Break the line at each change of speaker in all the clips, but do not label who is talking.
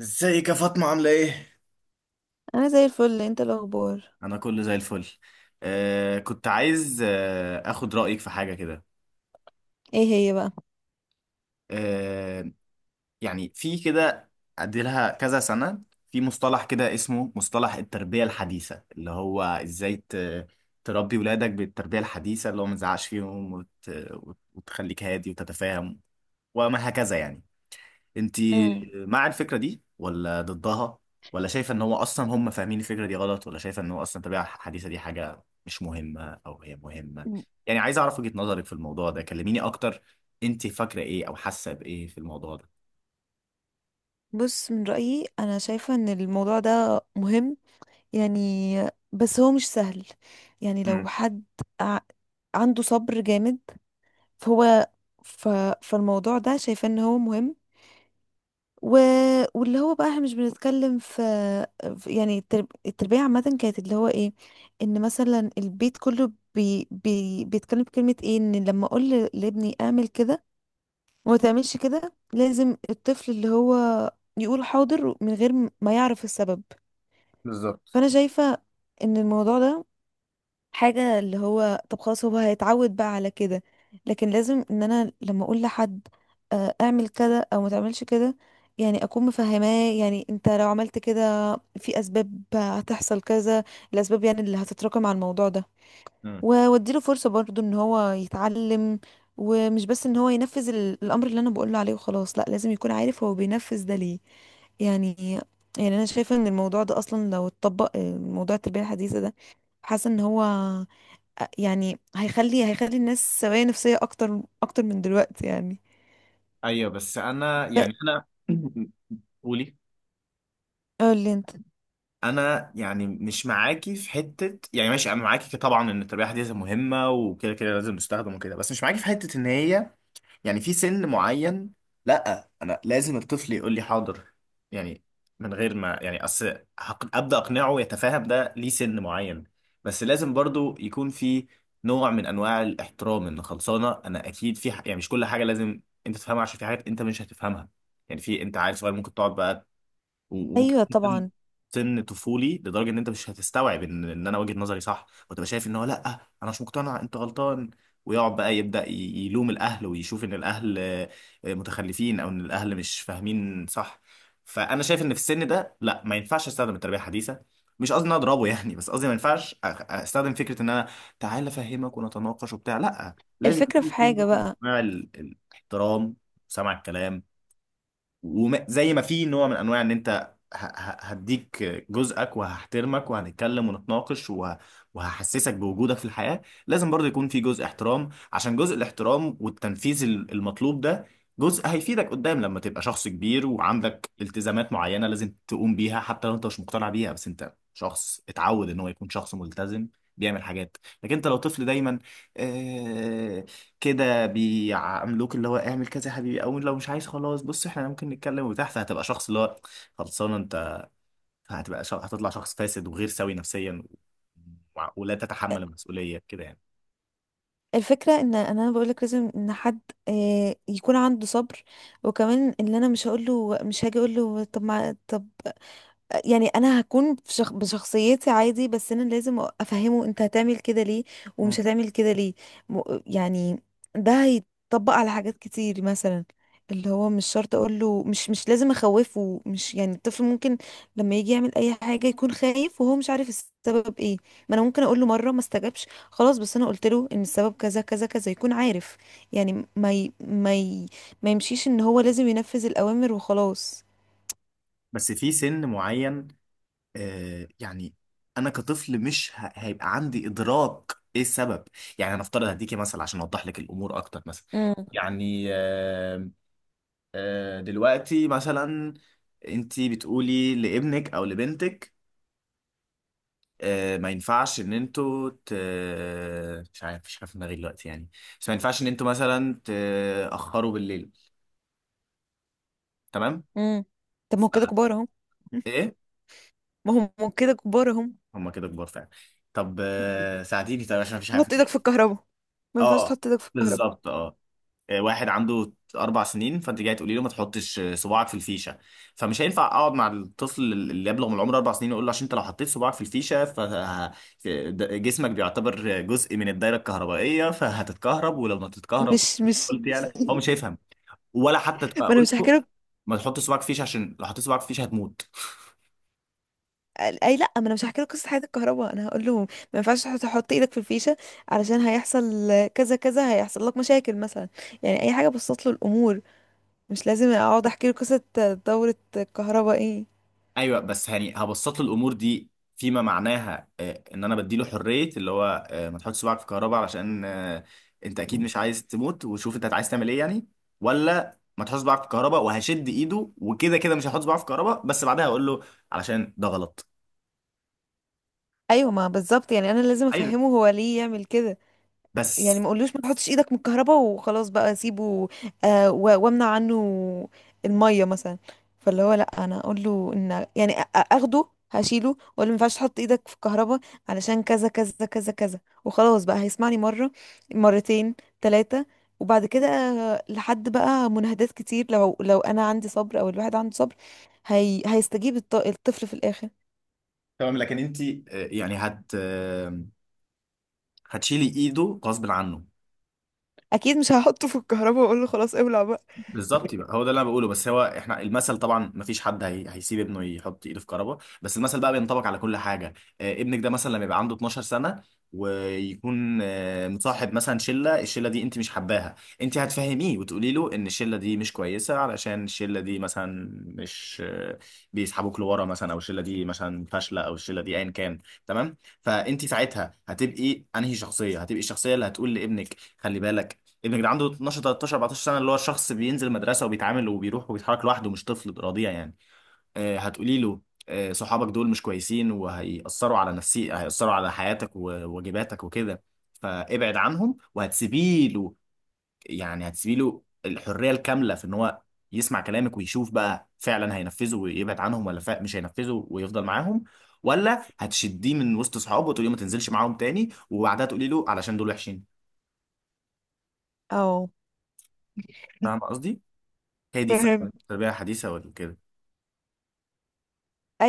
ازيك يا فاطمة؟ عاملة ايه؟
انا زي الفل. انت الاخبار؟
أنا كله زي الفل. كنت عايز أخد رأيك في حاجة كده.
ايه هي بقى؟
آه يعني في كده، أديلها كذا سنة، في مصطلح كده اسمه مصطلح التربية الحديثة، اللي هو إزاي تربي ولادك بالتربية الحديثة، اللي هو ما تزعقش فيهم وتخليك هادي وتتفاهم وما هكذا يعني. انت
امم
مع الفكرة دي ولا ضدها؟ ولا شايفة ان هو اصلا هم فاهمين الفكرة دي غلط، ولا شايفة ان هو اصلا الطبيعة الحديثة دي حاجة مش مهمة او هي مهمة؟ يعني عايز اعرف وجهة نظرك في الموضوع ده، كلميني اكتر. انت فاكرة ايه او حاسة بايه في الموضوع ده؟
بص، من رأيي انا شايفة ان الموضوع ده مهم يعني، بس هو مش سهل. يعني لو
امم.
حد ع- عنده صبر جامد فهو ف... فالموضوع ده شايفة ان هو مهم. و... واللي هو بقى احنا مش بنتكلم في يعني التربية عامة، كانت اللي هو ايه، ان مثلا البيت كله بيتكلم بكلمة ايه، ان لما اقول لابني اعمل كده وما تعملش كده لازم الطفل اللي هو يقول حاضر من غير ما يعرف السبب.
بالظبط.
فانا شايفة ان الموضوع ده حاجة، اللي هو طب خلاص هو هيتعود بقى على كده، لكن لازم ان انا لما اقول لحد اعمل كده او ما تعملش كده، يعني اكون مفهماه يعني انت لو عملت كده في اسباب هتحصل كذا، الاسباب يعني اللي هتتراكم على الموضوع ده.
امم.
واديله فرصة برضو ان هو يتعلم ومش بس ان هو ينفذ الامر اللي انا بقوله عليه وخلاص، لا لازم يكون عارف هو بينفذ ده ليه يعني. يعني انا شايفة ان الموضوع ده اصلا لو اتطبق موضوع التربية الحديثة ده، حاسة ان هو يعني هيخلي الناس سوية نفسية اكتر اكتر من دلوقتي يعني.
ايوه بس انا
ب-
يعني انا قولي.
قولي انت.
انا يعني مش معاكي في حته. يعني ماشي، انا معاكي طبعا ان التربيه الحديثه مهمه وكده كده لازم تستخدم وكده، بس مش معاكي في حته ان هي يعني في سن معين، لا، انا لازم الطفل يقول لي حاضر، يعني من غير ما يعني اصل ابدا اقنعه يتفاهم ده ليه. سن معين بس لازم برضو يكون في نوع من انواع الاحترام، ان خلصانه انا اكيد في يعني مش كل حاجه لازم انت تفهمها، عشان في حاجات انت مش هتفهمها. يعني في انت عيل صغير، ممكن تقعد بقى وكمان
ايوه
سن
طبعا.
سن طفولي لدرجه ان انت مش هتستوعب ان انا وجهه نظري صح، وتبقى شايف ان هو لا انا مش مقتنع، انت غلطان، ويقعد بقى يلوم الاهل ويشوف ان الاهل متخلفين، او ان الاهل مش فاهمين صح. فانا شايف ان في السن ده لا، ما ينفعش استخدم التربيه الحديثه. مش قصدي ان أنا اضربه يعني، بس قصدي ما ينفعش استخدم فكره ان انا تعال افهمك ونتناقش وبتاع. لا، لازم
الفكرة
يكون
في
في
حاجة
نوع من
بقى،
انواع الاحترام وسمع الكلام. وزي ما في نوع من انواع ان انت هديك جزءك وهحترمك وهنتكلم ونتناقش وهحسسك بوجودك في الحياة، لازم برضه يكون في جزء احترام. عشان جزء الاحترام والتنفيذ المطلوب ده جزء هيفيدك قدام، لما تبقى شخص كبير وعندك التزامات معينة لازم تقوم بيها، حتى لو انت مش مقتنع بيها، بس انت شخص اتعود ان هو يكون شخص ملتزم بيعمل حاجات. لكن انت لو طفل دايما آه، كده بيعاملوك، اللي هو اعمل كذا يا حبيبي، او لو مش عايز خلاص بص احنا ممكن نتكلم وبتاع، فهتبقى شخص اللي هو خلصان انت. هتطلع شخص فاسد وغير سوي نفسيا، ولا تتحمل المسؤولية كده يعني.
الفكرة ان إن انا بقولك لازم ان حد يكون عنده صبر، وكمان ان انا مش هقوله، مش هاجي اقوله طب ما طب، يعني انا هكون بشخصيتي عادي، بس انا لازم افهمه انت هتعمل كده ليه ومش
مم.
هتعمل كده ليه. م... يعني ده هيتطبق على حاجات كتير مثلا اللي هو، مش شرط اقول له مش لازم اخوفه، مش يعني الطفل ممكن لما يجي يعمل اي حاجه يكون خايف وهو مش عارف السبب ايه. ما انا ممكن اقول له مره، ما استجابش خلاص، بس انا قلت له ان السبب كذا كذا كذا يكون عارف يعني. ما يمشيش ان هو لازم ينفذ الاوامر وخلاص.
بس في سن معين يعني انا كطفل مش ه... هيبقى عندي ادراك ايه السبب. يعني انا افترض هديكي مثلا عشان اوضح لك الامور اكتر. مثلا يعني دلوقتي مثلا انتي بتقولي لابنك او لبنتك ما ينفعش ان مش عارف، مش عارف دماغي دلوقتي يعني، بس ما ينفعش ان انتوا مثلا تأخروا بالليل، تمام؟
امم. طب ما
ف...
هو كده كبار اهو.
ايه،
ما هو كده كبار اهو.
هما كده كبار فعلا. طب ساعديني طيب عشان مفيش حاجه في
حط ايدك
دماغي.
في الكهرباء. ما ينفعش
اه،
تحط ايدك في الكهرباء.
بالظبط، اه. واحد عنده اربع سنين، فانت جاي تقولي له ما تحطش صباعك في الفيشه، فمش هينفع اقعد مع الطفل اللي يبلغ من العمر اربع سنين واقول له عشان انت لو حطيت صباعك في الفيشه فجسمك بيعتبر جزء من الدايره الكهربائيه فهتتكهرب ولو ما تتكهرب،
مش
قلت يعني هو مش هيفهم. ولا حتى تبقى
ما انا
اقول
مش هحكي
له
لك.
ما تحطش صباعك في الفيشه عشان لو حطيت صباعك في الفيشه هتموت.
اي لا، ما انا مش هحكي لك قصه حياه الكهرباء، انا هقول لهم ما ينفعش تحط ايدك في الفيشه علشان هيحصل كذا كذا، هيحصل لك مشاكل مثلا. يعني اي حاجه بسط له الامور، مش لازم اقعد احكي له قصه دوره الكهرباء ايه.
ايوه بس يعني هبسط له الامور دي فيما معناها ان انا بديله حريه، اللي هو ما تحطش صباعك في كهرباء علشان انت اكيد مش عايز تموت وشوف انت عايز تعمل ايه يعني. ولا ما تحطش صباعك في كهرباء وهشد ايده وكده كده مش هحط صباعي في كهرباء، بس بعدها هقول له علشان ده غلط.
ايوه، ما بالظبط يعني انا لازم
ايوه
افهمه هو ليه يعمل كده. يعني
بس.
ما قولوش ما تحطش ايدك من الكهرباء وخلاص بقى سيبه. آه، وامنع عنه الميه مثلا. فاللي هو لا، انا اقول له ان يعني اخده، هشيله واقول له ما ينفعش تحط ايدك في الكهرباء علشان كذا كذا كذا كذا، وخلاص بقى هيسمعني مره، مرتين، ثلاثه، وبعد كده لحد بقى مناهدات كتير، لو انا عندي صبر او الواحد عنده صبر، هيستجيب الطفل في الاخر.
تمام، لكن انت يعني هت آه، هتشيلي ايده غصب عنه.
اكيد مش هحطه في الكهرباء واقول له خلاص ابلع بقى.
بالظبط، يبقى هو ده اللي انا بقوله. بس هو احنا المثل طبعا ما فيش حد هيسيب ابنه يحط ايده في كربه، بس المثل بقى بينطبق على كل حاجه. آه، ابنك ده مثلا لما يبقى عنده 12 سنه، ويكون آه مصاحب مثلا شله، الشله دي انت مش حباها، انت هتفهميه وتقولي له ان الشله دي مش كويسه، علشان الشله دي مثلا مش آه بيسحبوك لورا مثلا، او الشله دي مثلا فاشله، او الشله دي ايا كان، تمام؟ فانت ساعتها هتبقي انهي شخصيه؟ هتبقي الشخصيه اللي هتقول لابنك خلي بالك؟ ابنك ده عنده 12 13 14 سنه، اللي هو شخص بينزل مدرسه وبيتعامل وبيروح وبيتحرك لوحده، مش طفل رضيع يعني. آه هتقولي له آه صحابك دول مش كويسين وهيأثروا على نفسي، هيأثروا على حياتك وواجباتك وكده، فابعد عنهم. وهتسيبي له يعني هتسيبي له الحريه الكامله في ان هو يسمع كلامك ويشوف بقى فعلا هينفذه ويبعد عنهم، ولا مش هينفذه ويفضل معاهم؟ ولا هتشديه من وسط صحابه وتقولي له ما تنزلش معاهم تاني، وبعدها تقولي له علشان دول وحشين؟
او
فاهم قصدي؟ هي دي
فاهم.
فعلا التربية الحديثة ولا كده؟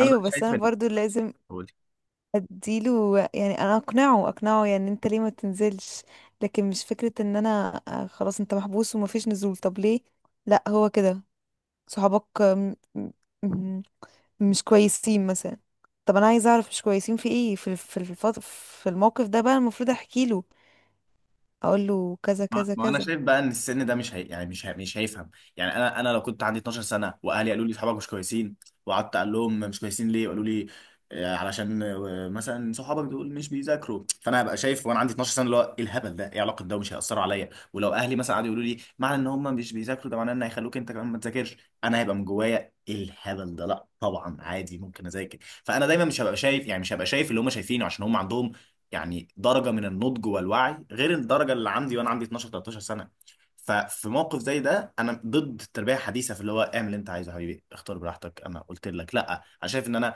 انا بقى
بس
شايف
انا
ان
برضو لازم
قولي.
اديله يعني، انا اقنعه اقنعه يعني انت ليه ما تنزلش، لكن مش فكرة ان انا خلاص انت محبوس ومفيش نزول. طب ليه؟ لا هو كده، صحابك م- مش كويسين مثلا. طب انا عايزه اعرف مش كويسين في ايه، في في الموقف ده بقى المفروض احكي له، اقول له كذا
ما
كذا
ما انا
كذا.
شايف بقى ان السن ده مش هي... يعني مش هي... مش هيفهم. يعني انا لو كنت عندي 12 سنة واهلي قالوا لي صحابك مش كويسين، وقعدت اقول لهم مش كويسين ليه، قالوا لي علشان مثلا صحابك دول مش بيذاكروا، فانا هبقى شايف وانا عندي 12 سنه اللي هو ايه الهبل ده، ايه علاقه ده، ومش هيأثروا عليا. ولو اهلي مثلا قعدوا يقولوا لي معنى ان هم مش بيذاكروا ده معناه ان هيخلوك انت كمان ما تذاكرش، انا هيبقى من جوايا ايه الهبل ده، لا طبعا عادي ممكن اذاكر. فانا دايما مش هبقى شايف يعني مش هبقى شايف اللي هم شايفينه، عشان هم عندهم يعني درجه من النضج والوعي غير الدرجه اللي عندي وانا عندي 12 13 سنه. ففي موقف زي ده انا ضد التربيه الحديثه في اللي هو اعمل اللي انت عايزه يا حبيبي اختار براحتك. انا قلت لك لا، انا شايف ان انا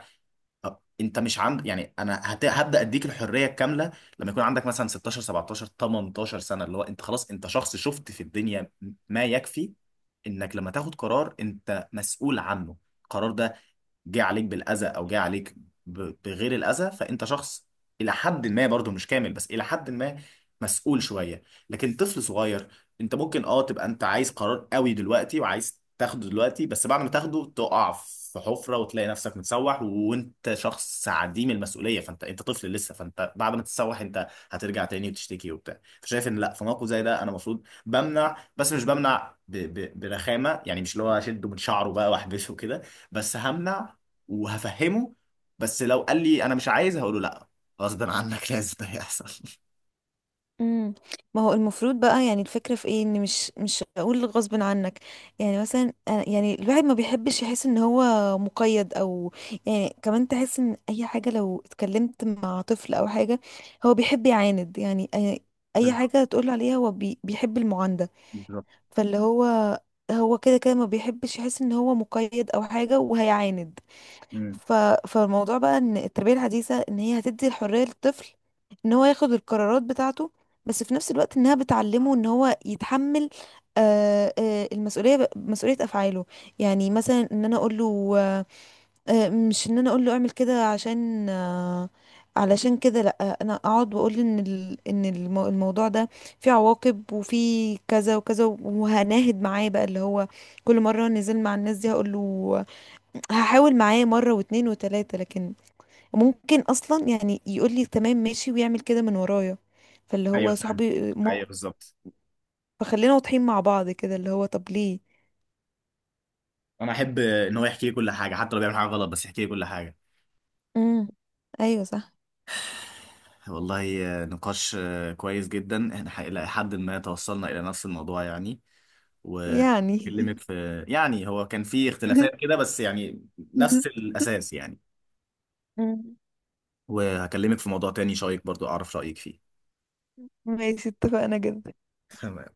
أه، انت مش عند يعني انا هبدا اديك الحريه الكامله لما يكون عندك مثلا 16 17 18 سنه، اللي هو انت خلاص انت شخص شفت في الدنيا ما يكفي، انك لما تاخد قرار انت مسؤول عنه. القرار ده جه عليك بالاذى او جه عليك بغير الاذى، فانت شخص الى حد ما برضه مش كامل، بس الى حد ما مسؤول شويه. لكن طفل صغير، انت ممكن اه تبقى انت عايز قرار قوي دلوقتي وعايز تاخده دلوقتي، بس بعد ما تاخده تقع في حفره وتلاقي نفسك متسوح، وانت شخص عديم المسؤوليه، فانت انت طفل لسه، فانت بعد ما تتسوح انت هترجع تاني وتشتكي وبتاع. فشايف ان لا، في موقف زي ده انا المفروض بمنع، بس مش بمنع ب برخامه يعني، مش اللي هو اشده من شعره بقى واحبسه كده، بس همنع وهفهمه. بس لو قال لي انا مش عايز هقول له لا، غصب عنك لازم ده يحصل.
امم. ما هو المفروض بقى يعني، الفكرة في ايه، ان مش هقول غصب عنك، يعني مثلا يعني الواحد ما بيحبش يحس ان هو مقيد او، يعني كمان تحس ان اي حاجة لو اتكلمت مع طفل او حاجة هو بيحب يعاند يعني، أي
بالظبط،
حاجة تقول عليها هو بيحب المعاندة.
بالظبط.
فاللي هو هو كده كده ما بيحبش يحس ان هو مقيد او حاجة وهيعاند.
مم.
ف... فالموضوع بقى ان التربية الحديثة ان هي هتدي الحرية للطفل ان هو ياخد القرارات بتاعته، بس في نفس الوقت انها بتعلمه ان هو يتحمل المسؤولية، مسؤولية افعاله. يعني مثلا ان انا اقول له مش ان انا اقول له اعمل كده عشان علشان كده، لا انا اقعد واقول ان الموضوع ده فيه عواقب وفيه كذا وكذا وهناهد معاه بقى، اللي هو كل مرة نزل مع الناس دي هقول له، هحاول معاه مرة واتنين وتلاتة، لكن ممكن اصلا يعني يقول لي تمام ماشي ويعمل كده من ورايا. فاللي
ايوه
هو
فاهم،
صحابي
ايوه بالظبط.
فخلينا واضحين مع بعض كده، اللي هو طب ليه.
انا احب ان هو يحكي لي كل حاجه، حتى لو بيعمل حاجه غلط، بس يحكي لي كل حاجه.
امم. ايوه صح.
والله نقاش كويس جدا. احنا الى حد ما توصلنا الى نفس الموضوع يعني،
يعني
واكلمك في يعني هو كان في اختلافات كده بس يعني نفس الاساس يعني.
مم.
وهكلمك في موضوع تاني شايك برضو اعرف رايك فيه.
ماشي، اتفقنا جدا.
تمام.